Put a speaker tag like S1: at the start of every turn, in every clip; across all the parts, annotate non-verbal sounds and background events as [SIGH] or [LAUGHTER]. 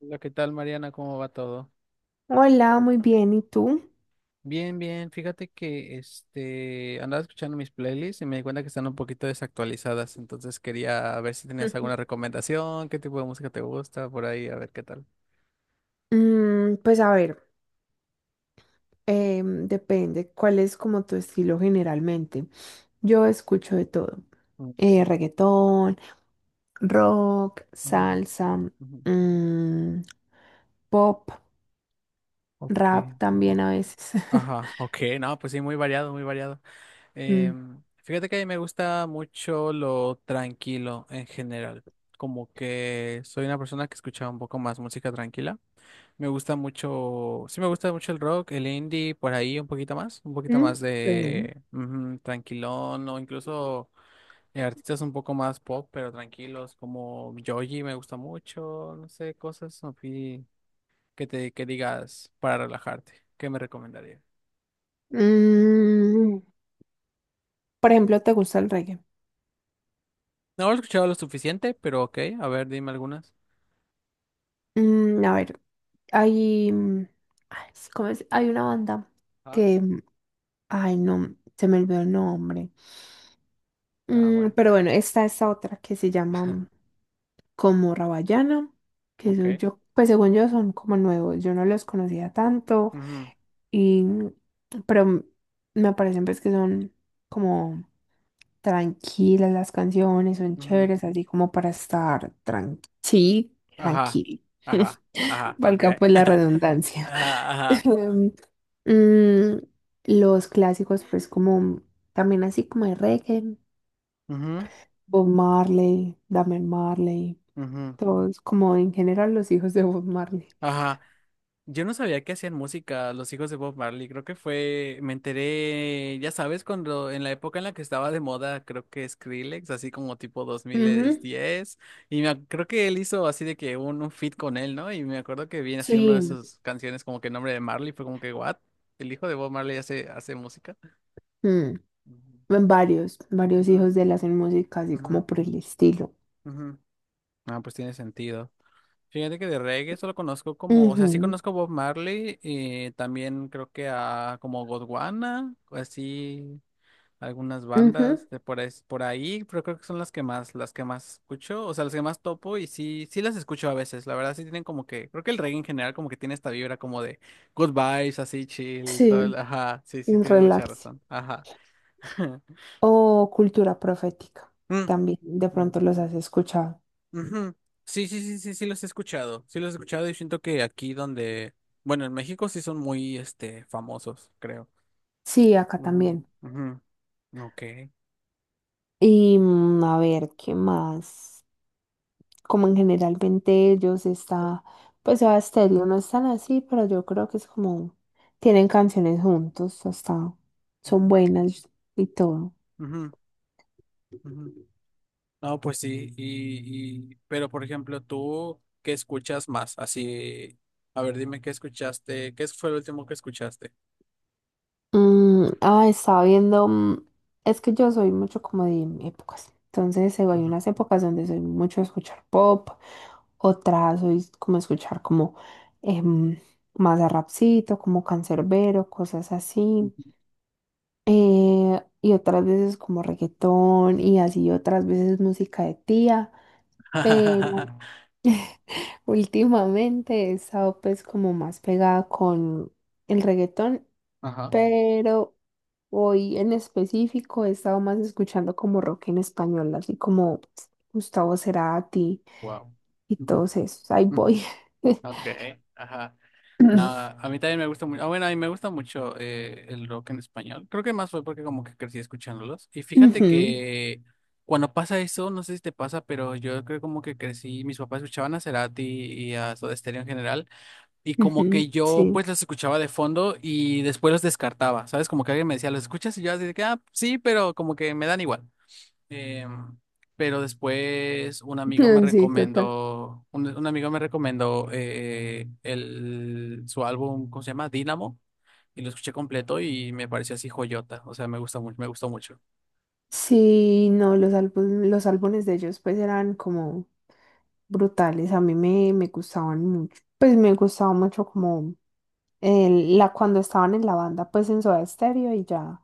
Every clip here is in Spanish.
S1: Hola, ¿qué tal, Mariana? ¿Cómo va todo?
S2: Hola, muy bien. ¿Y tú?
S1: Bien, bien. Fíjate que andaba escuchando mis playlists y me di cuenta que están un poquito desactualizadas, entonces quería ver si tenías alguna
S2: [LAUGHS]
S1: recomendación, qué tipo de música te gusta por ahí, a ver qué tal.
S2: Pues a ver, depende cuál es como tu estilo generalmente. Yo escucho de todo.
S1: Mm,
S2: Reggaetón, rock,
S1: ujú,
S2: salsa,
S1: ujú.
S2: mm, pop,
S1: Ok.
S2: rap también
S1: wa-
S2: a veces. [LAUGHS]
S1: Ajá, ok, no, pues sí, muy variado, muy variado.
S2: Mm,
S1: Fíjate que a mí me gusta mucho lo tranquilo en general, como que soy una persona que escucha un poco más música tranquila. Me gusta mucho, sí me gusta mucho el rock, el indie, por ahí un poquito
S2: mm,
S1: más
S2: Qué bien.
S1: de ujú, tranquilón o incluso artistas un poco más pop, pero tranquilos, como Joji me gusta mucho, no sé, cosas así que te que digas para relajarte. ¿Qué me recomendaría?
S2: Mm, por ejemplo, ¿te gusta el reggae?
S1: No lo he escuchado lo suficiente, pero ok, a ver, dime algunas.
S2: A ver, hay, mm, ay, sí, ¿cómo es? Hay una banda
S1: Ah,
S2: que, ay, no, se me olvidó el nombre.
S1: ah,
S2: Mm,
S1: bueno.
S2: pero bueno, está esta otra que se llama
S1: [LAUGHS]
S2: como Rabayana, que eso
S1: Ok.
S2: yo, pues según yo son como nuevos, yo no los conocía tanto,
S1: Ujú,
S2: y, pero mm, me parecen pues que son como tranquilas, las canciones son
S1: ujú.
S2: chéveres, así como para estar sí,
S1: Ajá,
S2: tranquilo.
S1: ajá,
S2: [LAUGHS]
S1: ajá, ok.
S2: Valga pues la
S1: [LAUGHS]
S2: redundancia.
S1: Ajá, ajá.
S2: [LAUGHS] Em, mm, los clásicos, pues como también así como de reggae,
S1: Ujú,
S2: Bob Marley, Damian Marley,
S1: ujú.
S2: todos como en general los hijos de Bob Marley.
S1: Ajá. Yo no sabía que hacían música los hijos de Bob Marley. Creo que fue, me enteré, ya sabes, cuando en la época en la que estaba de moda, creo que Skrillex, así como tipo
S2: Ujú,
S1: 2010. Y creo que él hizo así de que un feat con él, ¿no? Y me acuerdo que vi así una
S2: sí,
S1: de sus canciones como que el nombre de Marley fue como que, ¿what? El hijo de Bob Marley hace, hace música.
S2: mm,
S1: Ujú,
S2: en varios hijos de él hacen música así
S1: ujú,
S2: como por el estilo.
S1: ujú. Ah, pues tiene sentido. Fíjate que de reggae solo conozco como, o sea, sí
S2: Ujú,
S1: conozco Bob Marley y también creo que a como Godwana, o así algunas
S2: ujú,
S1: bandas de por ahí, pero creo que son las que más escucho, o sea, las que más topo y sí, sí las escucho a veces, la verdad sí tienen como que, creo que el reggae en general como que tiene esta vibra como de good vibes, así chill, todo,
S2: sí,
S1: ajá, sí, sí,
S2: un
S1: tienes mucha
S2: relax.
S1: razón, ajá. [LAUGHS]
S2: O cultura profética.
S1: Mm,
S2: También, de pronto
S1: ujú.
S2: los has escuchado.
S1: Ujú. Sí, sí, sí, sí, sí los he escuchado. Sí los he escuchado y siento que aquí donde, bueno, en México sí son muy, famosos, creo.
S2: Sí, acá
S1: Ujú,
S2: también.
S1: ujú. Ok.
S2: Y a ver, ¿qué más? Como en generalmente ellos está, pues Soda Stereo no están así, pero yo creo que es como, tienen canciones juntos, hasta son buenas y todo.
S1: Ujú, ujú. No, pues sí, pero por ejemplo, tú, ¿qué escuchas más? Así, a ver, dime qué escuchaste, ¿qué fue lo último que escuchaste?
S2: Ah, estaba viendo, es que yo soy mucho como de épocas, entonces hay
S1: Ujú.
S2: unas épocas donde soy mucho de escuchar pop, otras soy como escuchar como em, más a rapcito, como cancerbero cosas así, y otras veces como reggaetón y así otras veces música de tía.
S1: [LAUGHS]
S2: Últimamente he estado pues como más pegada con el reggaetón,
S1: Ajá,
S2: pero hoy en específico he estado más escuchando como rock en español, así como Gustavo Cerati
S1: wow.
S2: y todos esos. Ahí voy.
S1: Ok, ajá. No,
S2: [LAUGHS]
S1: a mí también me gusta mucho. Ah, bueno, a mí me gusta mucho el rock en español. Creo que más fue porque como que crecí escuchándolos. Y fíjate
S2: Ujú,
S1: que cuando pasa eso, no sé si te pasa, pero yo creo como que crecí, mis papás escuchaban a Cerati y a Soda Stereo en general. Y como que
S2: ujú,
S1: yo
S2: sí,
S1: pues los escuchaba de fondo y después los descartaba, ¿sabes? Como que alguien me decía, ¿los escuchas? Y yo así de que, ah, sí, pero como que me dan igual. Eh, pero después un amigo me
S2: [LAUGHS] sí, total.
S1: recomendó, un amigo me recomendó su álbum, ¿cómo se llama? Dynamo, y lo escuché completo y me pareció así joyota, o sea, me gusta mucho, me gustó mucho.
S2: Sí, no, los los álbumes de ellos pues eran como brutales, a mí me gustaban mucho, pues me gustaba mucho como la, cuando estaban en la banda pues en Soda Stereo y ya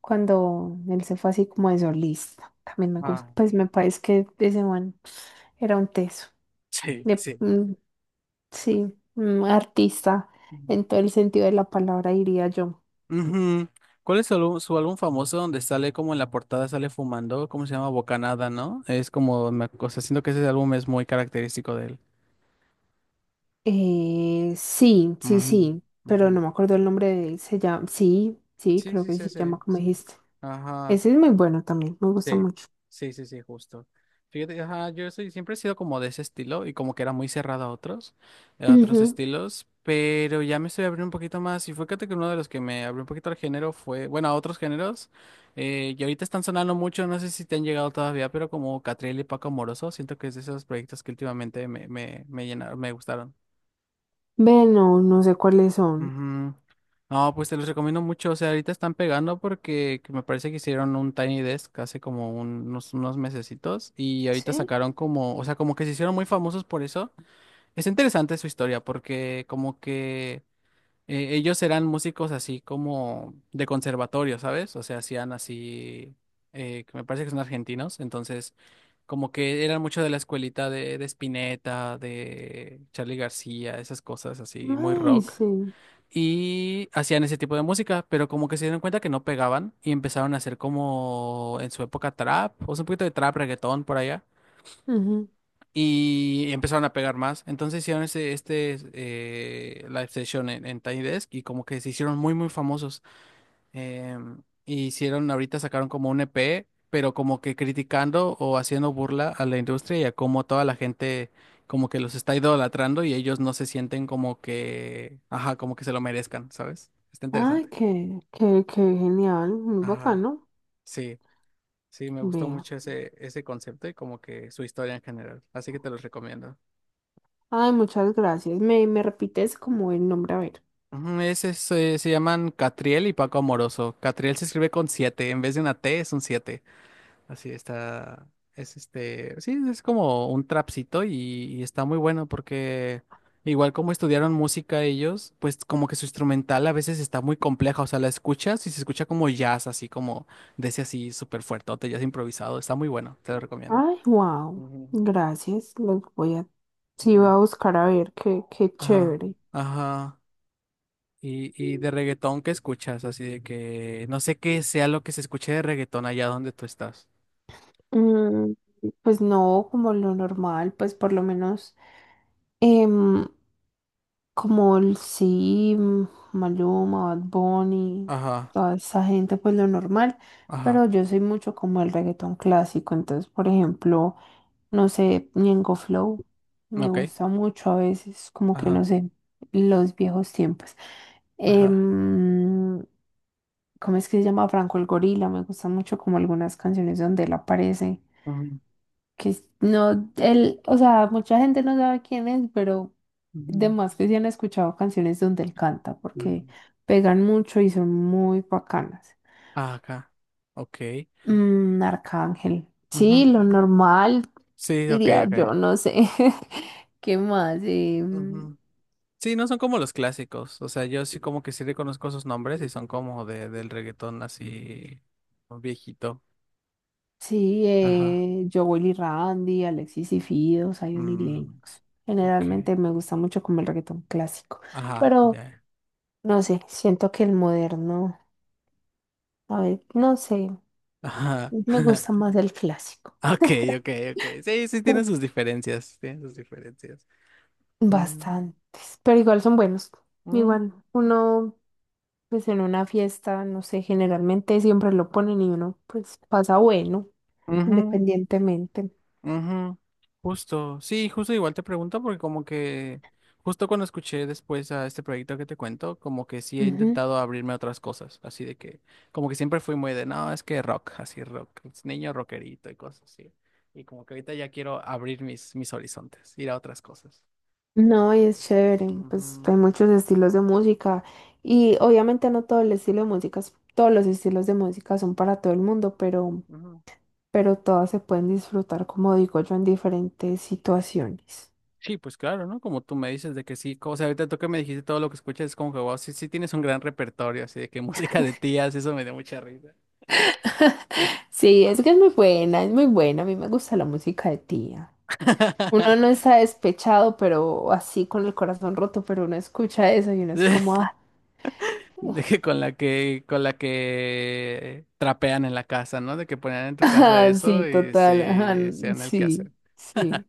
S2: cuando él se fue así como de solista, también me gusta,
S1: Ah.
S2: pues
S1: [LAUGHS]
S2: me parece que ese man era un teso,
S1: Sí,
S2: de-
S1: sí.
S2: mm, sí, un artista en todo el sentido de la palabra diría yo.
S1: Ujú. ¿Cuál es su álbum famoso donde sale como en la portada sale fumando? ¿Cómo se llama? Bocanada, ¿no? Es como, me, o sea, siento que ese álbum es muy característico de él.
S2: Eh,
S1: Ujú,
S2: sí, pero
S1: ujú.
S2: no me acuerdo el nombre de él. Se llama, sí, sí,
S1: Sí,
S2: creo
S1: sí,
S2: que
S1: sí,
S2: se llama
S1: sí,
S2: como
S1: sí.
S2: dijiste.
S1: Ajá.
S2: Ese es muy bueno también, me gusta
S1: Sí,
S2: mucho.
S1: sí, sí, sí, justo. Fíjate, ajá, yo soy, siempre he sido como de ese estilo y como que era muy cerrado a otros
S2: Ujú.
S1: estilos, pero ya me estoy abriendo un poquito más y fíjate que uno de los que me abrió un poquito al género fue, bueno, a otros géneros, y ahorita están sonando mucho, no sé si te han llegado todavía, pero como Catriel y Paco Moroso, siento que es de esos proyectos que últimamente me llenaron, me gustaron.
S2: Ve, no, no sé cuáles son.
S1: Ujú. No, pues te los recomiendo mucho. O sea, ahorita están pegando porque que me parece que hicieron un Tiny Desk hace como unos mesecitos y ahorita
S2: Sí.
S1: sacaron como, o sea, como que se hicieron muy famosos por eso. Es interesante su historia porque como que ellos eran músicos así como de conservatorio, ¿sabes? O sea, hacían así, que me parece que son argentinos, entonces como que eran mucho de la escuelita de Spinetta, de Charly García, esas cosas así, muy
S2: Ay,
S1: rock
S2: sí.
S1: y hacían ese tipo de música, pero como que se dieron cuenta que no pegaban y empezaron a hacer como en su época trap, o sea, un poquito de trap, reggaetón por allá,
S2: Ujú.
S1: y empezaron a pegar más. Entonces hicieron ese, este live session en Tiny Desk y como que se hicieron muy, muy famosos. Hicieron, ahorita sacaron como un EP, pero como que criticando o haciendo burla a la industria y a cómo toda la gente como que los está idolatrando y ellos no se sienten como que, ajá, como que se lo merezcan, ¿sabes? Está interesante.
S2: Ay, qué, qué, qué genial, muy
S1: Ajá,
S2: bacano.
S1: sí, sí, me gustó
S2: Vea.
S1: mucho ese, ese concepto y como que su historia en general, así que te los recomiendo.
S2: Ay, muchas gracias. Me repites como el nombre, a ver.
S1: Ujú, ese es, se llaman Catriel y Paco Amoroso. Catriel se escribe con siete, en vez de una T es un siete. Así está. Es este. Sí, es como un trapcito y está muy bueno porque igual como estudiaron música ellos, pues como que su instrumental a veces está muy compleja. O sea, la escuchas y se escucha como jazz, así como de ese así súper fuertote, jazz improvisado. Está muy bueno, te lo recomiendo.
S2: Ay, wow.
S1: Ujú,
S2: Gracias. Los voy a. Sí, voy
S1: ujú.
S2: a buscar a ver qué, qué
S1: Ajá,
S2: chévere.
S1: ajá. Y de Sí. reggaetón, ¿qué escuchas? Así de que no sé qué sea lo que se escuche de reggaetón allá donde tú estás.
S2: Mm, pues no, como lo normal, pues por lo menos em, como el Sim, Maluma, Bad Bunny,
S1: Ajá,
S2: toda esa gente, pues lo normal,
S1: ajá.
S2: pero yo soy mucho como el reggaetón clásico, entonces por ejemplo, no sé, Ñengo Flow, me
S1: Ok.
S2: gusta mucho a veces, como que
S1: Ajá,
S2: no sé, los viejos tiempos.
S1: ajá.
S2: Em, ¿Cómo es que se llama? Franco el Gorila, me gusta mucho como algunas canciones donde él aparece que no, él, o sea, mucha gente no sabe quién es, pero de
S1: Ujú.
S2: más que sí han escuchado canciones donde él canta, porque
S1: Mm.
S2: pegan mucho y son muy bacanas.
S1: Ah, acá. Ok.
S2: Mm, Arcángel, sí,
S1: Ujú.
S2: lo normal,
S1: Sí, ok,
S2: diría
S1: ok.
S2: yo, no sé. [LAUGHS] ¿Qué más?
S1: Ujú. Sí, no son como los clásicos. O sea, yo sí como que sí reconozco sus nombres y son como de, del reggaetón así viejito.
S2: Sí,
S1: Ajá.
S2: Jowell y Randy, Alexis y Fido, Zion y
S1: Mm,
S2: Lennox.
S1: ok.
S2: Generalmente me gusta mucho como el reggaetón clásico,
S1: Ajá,
S2: pero
S1: ya.
S2: no sé, siento que el moderno, a ver, no sé.
S1: Ajá.
S2: Me gusta
S1: [LAUGHS]
S2: más el clásico.
S1: Ok, ok, ok. Sí, sí tienen
S2: Pu-
S1: sus diferencias. Tienen sus diferencias. Mm,
S2: Bastantes, pero igual son buenos.
S1: mm,
S2: Igual uno, pues en una fiesta, no sé, generalmente siempre lo ponen y uno, pues pasa bueno,
S1: ujú.
S2: independientemente.
S1: Ujú, justo, sí, justo igual te pregunto porque como que justo cuando escuché después a este proyecto que te cuento, como que sí he
S2: Ujú.
S1: intentado abrirme a otras cosas, así de que como que siempre fui muy de, no, es que rock, así rock, es niño rockerito y cosas así. Y como que ahorita ya quiero abrir mis, mis horizontes, ir a otras cosas.
S2: No, y es
S1: Entonces,
S2: chévere, pues
S1: ujú,
S2: hay muchos estilos de música y obviamente no todo el estilo de música, todos los estilos de música son para todo el mundo,
S1: ujú.
S2: pero todas se pueden disfrutar, como digo yo, en diferentes situaciones.
S1: Sí, pues claro, ¿no? Como tú me dices de que sí, o sea, ahorita tú que me dijiste todo lo que escuchas, es como que, wow, sí, sí tienes un gran repertorio, así de que [LAUGHS] música de tías, eso me dio mucha risa.
S2: Sí, es que es muy buena, es muy buena. A mí me gusta la música de tía. Uno no
S1: [LAUGHS]
S2: está despechado, pero así con el corazón roto, pero uno escucha eso y uno es como,
S1: [LAUGHS]
S2: ah,
S1: De
S2: [LAUGHS]
S1: que con la que, con la que trapean en la casa, ¿no? De que ponían en tu casa
S2: ah, sí,
S1: eso y
S2: total, ajá,
S1: sí, sean el que
S2: sí,
S1: hacer.
S2: sí.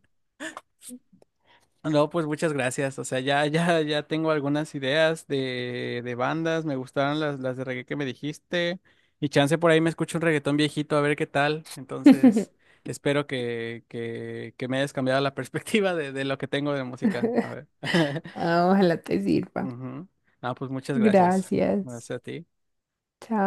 S1: No, pues muchas gracias. O sea, ya, ya, ya tengo algunas ideas de bandas. Me gustaron las de reggae que me dijiste. Y chance por ahí me escucho un reggaetón viejito a ver qué tal. Entonces,
S2: [LAUGHS]
S1: espero que me hayas cambiado la [LAUGHS] perspectiva de lo que tengo de música. A ver. [LAUGHS]
S2: Ah, ojalá te sirva.
S1: Ujú. Ah, pues muchas gracias.
S2: Gracias.
S1: Gracias a ti.
S2: Chao.